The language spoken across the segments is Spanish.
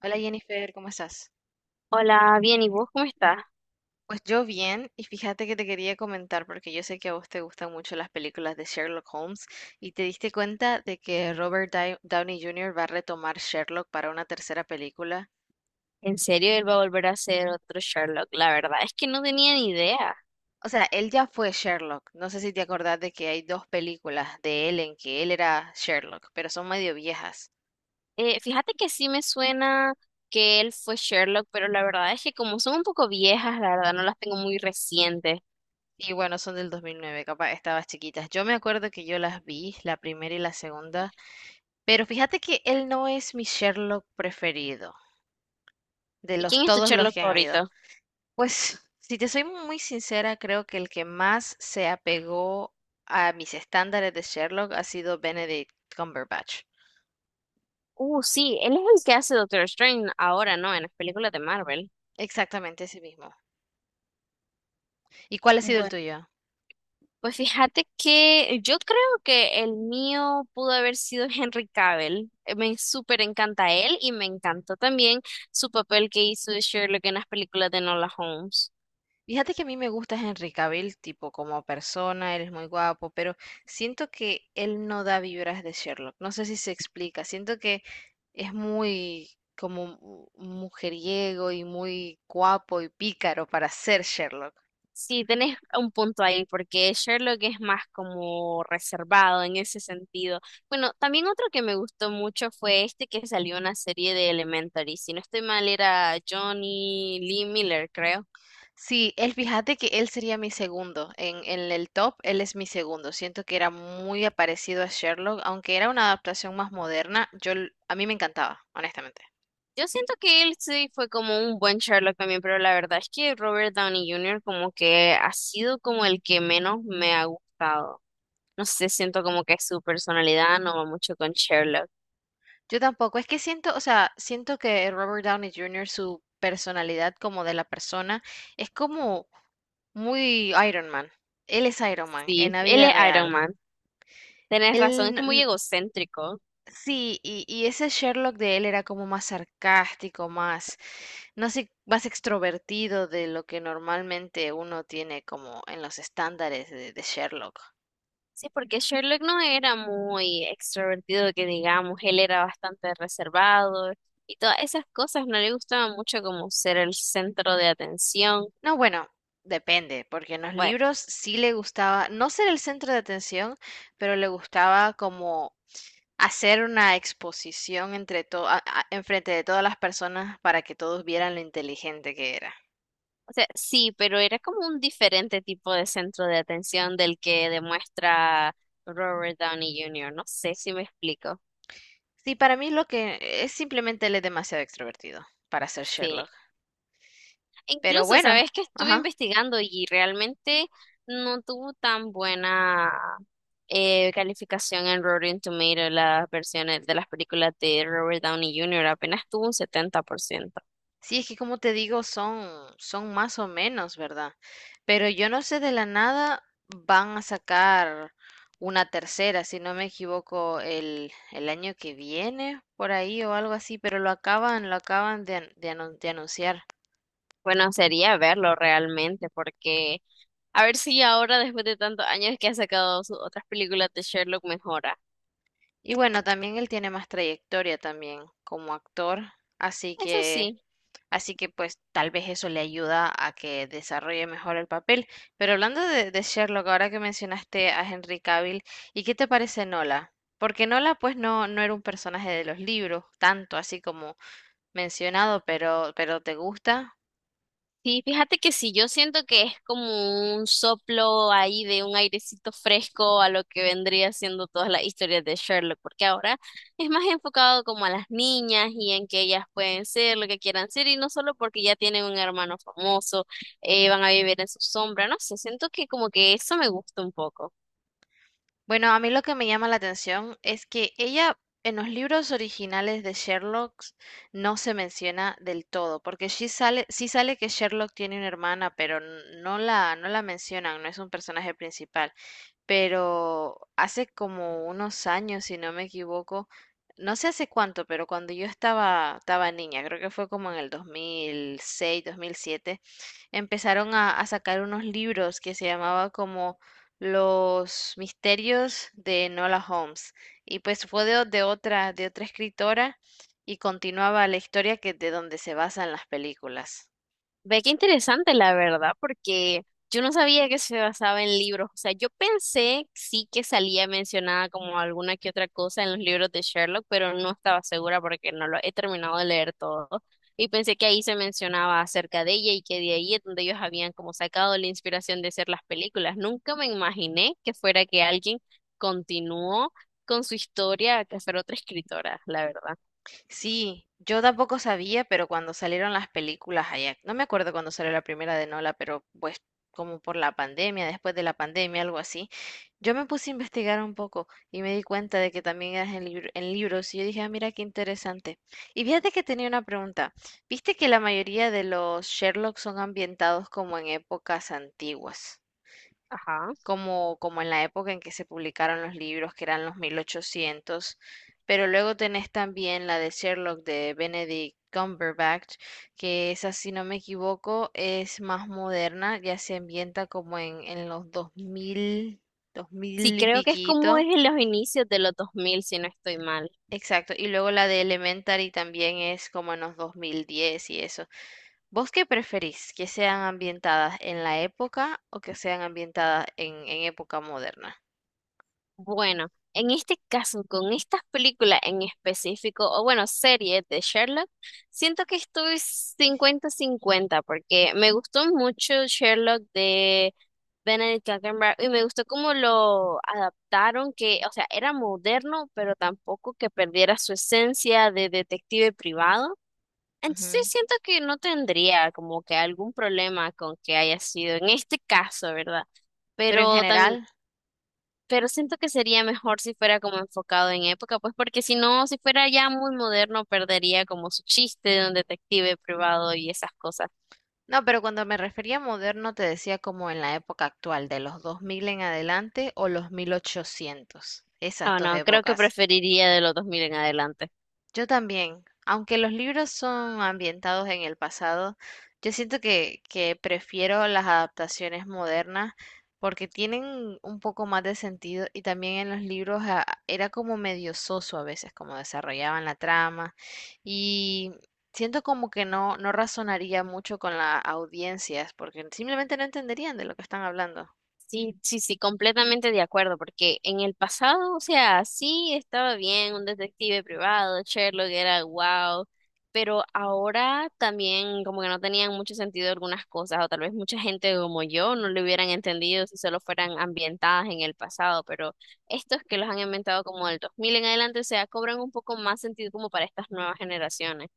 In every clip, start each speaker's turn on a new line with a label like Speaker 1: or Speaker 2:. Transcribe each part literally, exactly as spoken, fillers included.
Speaker 1: Hola Jennifer, ¿cómo estás?
Speaker 2: Hola, bien, ¿y vos cómo estás?
Speaker 1: Pues yo bien, y fíjate que te quería comentar porque yo sé que a vos te gustan mucho las películas de Sherlock Holmes y te diste cuenta de que Robert Dai- Downey junior va a retomar Sherlock para una tercera película.
Speaker 2: ¿En serio él va a volver a ser otro Sherlock? La verdad es que no tenía ni idea.
Speaker 1: O sea, él ya fue Sherlock. No sé si te acordás de que hay dos películas de él en que él era Sherlock, pero son medio viejas.
Speaker 2: Eh, fíjate que sí me suena que él fue Sherlock, pero la verdad es que como son un poco viejas, la verdad no las tengo muy recientes.
Speaker 1: Y bueno, son del dos mil nueve, capaz estabas chiquitas. Yo me acuerdo que yo las vi, la primera y la segunda, pero fíjate que él no es mi Sherlock preferido de
Speaker 2: ¿Y
Speaker 1: los
Speaker 2: quién es tu
Speaker 1: todos los
Speaker 2: Sherlock
Speaker 1: que han habido.
Speaker 2: favorito?
Speaker 1: Pues, si te soy muy sincera, creo que el que más se apegó a mis estándares de Sherlock ha sido Benedict Cumberbatch.
Speaker 2: Uh, sí, él es el que hace Doctor Strange ahora, ¿no? En las películas de Marvel.
Speaker 1: Exactamente ese mismo. ¿Y cuál ha sido el
Speaker 2: Bueno.
Speaker 1: tuyo?
Speaker 2: Pues fíjate que yo creo que el mío pudo haber sido Henry Cavill. Eh, Me súper encanta él y me encantó también su papel que hizo de Sherlock en las películas de Nola Holmes.
Speaker 1: Fíjate que a mí me gusta Henry Cavill, tipo como persona, él es muy guapo, pero siento que él no da vibras de Sherlock. No sé si se explica. Siento que es muy como mu- mujeriego y muy guapo y pícaro para ser Sherlock.
Speaker 2: Sí, tenés un punto ahí, porque Sherlock es más como reservado en ese sentido. Bueno, también otro que me gustó mucho fue este que salió en la serie de Elementary. Si no estoy mal, era Johnny Lee Miller, creo.
Speaker 1: Sí, él, fíjate que él sería mi segundo. En, en el top, él es mi segundo. Siento que era muy parecido a Sherlock, aunque era una adaptación más moderna. Yo, l- a mí me encantaba, honestamente.
Speaker 2: Yo siento que él sí fue como un buen Sherlock también, pero la verdad es que Robert Downey júnior como que ha sido como el que menos me ha gustado. No sé, siento como que su personalidad no va mucho con Sherlock.
Speaker 1: Yo tampoco. Es que siento, o sea, siento que Robert Downey junior, su personalidad como de la persona, es como muy Iron Man. Él es Iron Man en
Speaker 2: Sí,
Speaker 1: la
Speaker 2: él
Speaker 1: vida
Speaker 2: es Iron
Speaker 1: real.
Speaker 2: Man. Tenés razón, es que muy
Speaker 1: Él,
Speaker 2: egocéntrico.
Speaker 1: Sí, y, y ese Sherlock de él era como más sarcástico, más, no sé, más extrovertido de lo que normalmente uno tiene como en los estándares de, de Sherlock.
Speaker 2: Sí, porque Sherlock no era muy extrovertido, que digamos, él era bastante reservado y todas esas cosas, no le gustaba mucho como ser el centro de atención.
Speaker 1: No, bueno, depende, porque en los
Speaker 2: Bueno,
Speaker 1: libros sí le gustaba, no ser el centro de atención, pero le gustaba como hacer una exposición entre to- a- a- enfrente de todas las personas para que todos vieran lo inteligente que era.
Speaker 2: o sea, sí, pero era como un diferente tipo de centro de atención del que demuestra Robert Downey júnior No sé si me explico.
Speaker 1: Sí, para mí lo que es simplemente él es demasiado extrovertido para ser
Speaker 2: Sí.
Speaker 1: Sherlock.
Speaker 2: E
Speaker 1: Pero
Speaker 2: incluso,
Speaker 1: bueno,
Speaker 2: sabes que estuve
Speaker 1: ajá.
Speaker 2: investigando y realmente no tuvo tan buena eh, calificación en Rotten Tomatoes las versiones de las películas de Robert Downey júnior Apenas tuvo un setenta por ciento.
Speaker 1: Sí, es que como te digo, son, son más o menos, ¿verdad? Pero yo no sé de la nada, van a sacar una tercera, si no me equivoco, el, el año que viene, por ahí o algo así, pero lo acaban, lo acaban de, an- de anun- de anunciar.
Speaker 2: Bueno, sería verlo realmente porque a ver si ahora, después de tantos años que ha sacado sus otras películas de Sherlock, mejora.
Speaker 1: Y bueno, también él tiene más trayectoria también como actor, así
Speaker 2: Eso
Speaker 1: que
Speaker 2: sí.
Speaker 1: Así que pues tal vez eso le ayuda a que desarrolle mejor el papel. Pero hablando de, de Sherlock, ahora que mencionaste a Henry Cavill, ¿y qué te parece Nola? Porque Nola pues no, no era un personaje de los libros, tanto así como mencionado, pero, pero ¿te gusta?
Speaker 2: Sí, fíjate que sí, yo siento que es como un soplo ahí de un airecito fresco a lo que vendría siendo todas las historias de Sherlock, porque ahora es más enfocado como a las niñas y en que ellas pueden ser lo que quieran ser y no solo porque ya tienen un hermano famoso. Eh, van a vivir en su sombra, no sé, siento que como que eso me gusta un poco.
Speaker 1: Bueno, a mí lo que me llama la atención es que ella en los libros originales de Sherlock no se menciona del todo, porque sí sale, sí sale que Sherlock tiene una hermana, pero n- no la, no la mencionan, no es un personaje principal. Pero hace como unos años, si no me equivoco, no sé hace cuánto, pero cuando yo estaba, estaba niña, creo que fue como en el dos mil seis, dos mil siete, empezaron a, a sacar unos libros que se llamaba como Los misterios de Enola Holmes. Y pues fue de, o- de otra, de otra escritora y continuaba la historia que de donde se basan las películas.
Speaker 2: Ve qué interesante la verdad, porque yo no sabía que se basaba en libros. O sea, yo pensé sí que salía mencionada como alguna que otra cosa en los libros de Sherlock, pero no estaba segura porque no lo he terminado de leer todo. Y pensé que ahí se mencionaba acerca de ella y que de ahí es donde ellos habían como sacado la inspiración de hacer las películas. Nunca me imaginé que fuera que alguien continuó con su historia, que fuera otra escritora, la verdad.
Speaker 1: Sí, yo tampoco sabía, pero cuando salieron las películas allá, no me acuerdo cuando salió la primera de Nola, pero pues como por la pandemia, después de la pandemia, algo así, yo me puse a investigar un poco y me di cuenta de que también eras en, libr- en libros y yo dije, ah, mira qué interesante. Y fíjate que tenía una pregunta. ¿Viste que la mayoría de los Sherlock son ambientados como en épocas antiguas?
Speaker 2: Ajá.
Speaker 1: como, como en la época en que se publicaron los libros, que eran los mil ochocientos. Pero luego tenés también la de Sherlock de Benedict Cumberbatch, que esa, si no me equivoco, es más moderna, ya se ambienta como en, en los dos mil dos
Speaker 2: Sí,
Speaker 1: mil y
Speaker 2: creo que es como
Speaker 1: piquito.
Speaker 2: es en los inicios de los dos mil si no estoy mal.
Speaker 1: Exacto, y luego la de Elementary también es como en los dos mil diez y eso. ¿Vos qué preferís? ¿Que sean ambientadas en la época o que sean ambientadas en, en época moderna?
Speaker 2: Bueno, en este caso, con estas películas en específico, o bueno, series de Sherlock, siento que estoy cincuenta cincuenta porque me gustó mucho Sherlock de Benedict Cumberbatch y me gustó cómo lo adaptaron, que, o sea, era moderno, pero tampoco que perdiera su esencia de detective privado. Entonces siento que no tendría como que algún problema con que haya sido en este caso, ¿verdad?
Speaker 1: Pero en
Speaker 2: Pero
Speaker 1: general,
Speaker 2: pero siento que sería mejor si fuera como enfocado en época, pues porque si no, si fuera ya muy moderno, perdería como su chiste de un detective privado y esas cosas.
Speaker 1: no, pero cuando me refería a moderno te decía como en la época actual, de los dos mil en adelante o los mil ochocientos, esas
Speaker 2: Ah,
Speaker 1: dos
Speaker 2: no, creo que
Speaker 1: épocas.
Speaker 2: preferiría de los dos mil en adelante.
Speaker 1: Yo también, aunque los libros son ambientados en el pasado, yo siento que, que prefiero las adaptaciones modernas porque tienen un poco más de sentido y también en los libros ah, era como medio soso a veces como desarrollaban la trama y siento como que no, no razonaría mucho con las audiencias porque simplemente no entenderían de lo que están hablando.
Speaker 2: Sí, sí, sí, completamente de acuerdo, porque en el pasado, o sea, sí estaba bien un detective privado, Sherlock era wow, pero ahora también como que no tenían mucho sentido algunas cosas, o tal vez mucha gente como yo no lo hubieran entendido si solo fueran ambientadas en el pasado, pero estos que los han inventado como del dos mil en adelante, o sea, cobran un poco más sentido como para estas nuevas generaciones.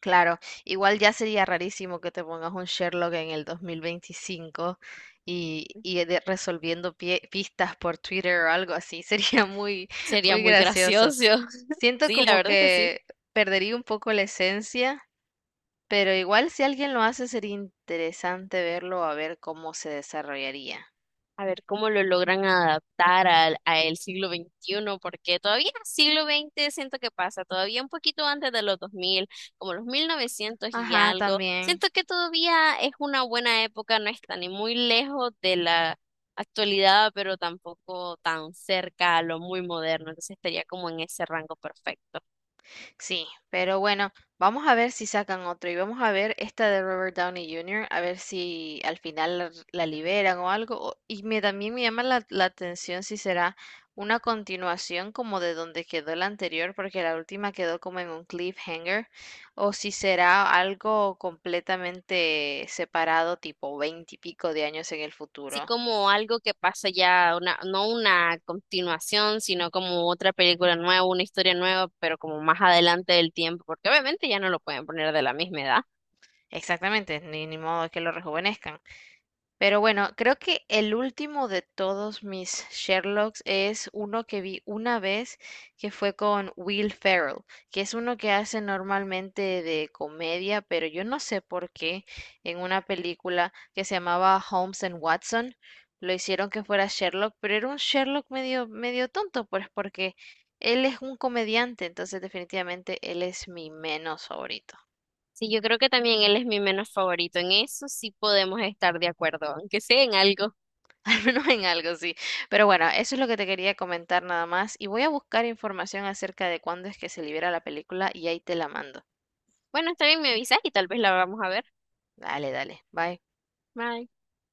Speaker 1: Claro, igual ya sería rarísimo que te pongas un Sherlock en el dos mil veinticinco y, y de- resolviendo pie- pistas por Twitter o algo así, sería muy,
Speaker 2: Sería
Speaker 1: muy
Speaker 2: muy
Speaker 1: gracioso.
Speaker 2: gracioso.
Speaker 1: Siento
Speaker 2: Sí, la
Speaker 1: como
Speaker 2: verdad es que sí.
Speaker 1: que perdería un poco la esencia, pero igual si alguien lo hace sería interesante verlo a ver cómo se desarrollaría.
Speaker 2: A ver cómo lo logran adaptar al, a el siglo veintiuno, porque todavía siglo veinte siento que pasa, todavía un poquito antes de los dos mil, como los mil novecientos y
Speaker 1: Ajá,
Speaker 2: algo.
Speaker 1: también.
Speaker 2: Siento que todavía es una buena época, no está ni muy lejos de la actualidad, pero tampoco tan cerca a lo muy moderno, entonces estaría como en ese rango perfecto.
Speaker 1: Sí, pero bueno, vamos a ver si sacan otro y vamos a ver esta de Robert Downey junior, a ver si al final la, la liberan o algo. o- Y me, también me llama la, la atención si será una continuación como de donde quedó la anterior, porque la última quedó como en un cliffhanger, o si será algo completamente separado, tipo veinte y pico de años en el
Speaker 2: Sí,
Speaker 1: futuro.
Speaker 2: como algo que pasa ya, una, no una continuación, sino como otra película nueva, una historia nueva, pero como más adelante del tiempo, porque obviamente ya no lo pueden poner de la misma edad.
Speaker 1: Exactamente, ni, ni modo que lo rejuvenezcan. Pero bueno, creo que el último de todos mis Sherlocks es uno que vi una vez, que fue con Will Ferrell, que es uno que hace normalmente de comedia, pero yo no sé por qué en una película que se llamaba Holmes and Watson lo hicieron que fuera Sherlock, pero era un Sherlock medio medio tonto, pues porque él es un comediante, entonces definitivamente él es mi menos favorito.
Speaker 2: Sí, yo creo que también él es mi menos favorito. En eso sí podemos estar de acuerdo, aunque sea en algo.
Speaker 1: Al menos en algo, sí. Pero bueno, eso es lo que te quería comentar nada más. Y voy a buscar información acerca de cuándo es que se libera la película y ahí te la mando.
Speaker 2: Bueno, está bien, me avisas y tal vez la vamos a ver.
Speaker 1: Dale, dale. Bye.
Speaker 2: Bye.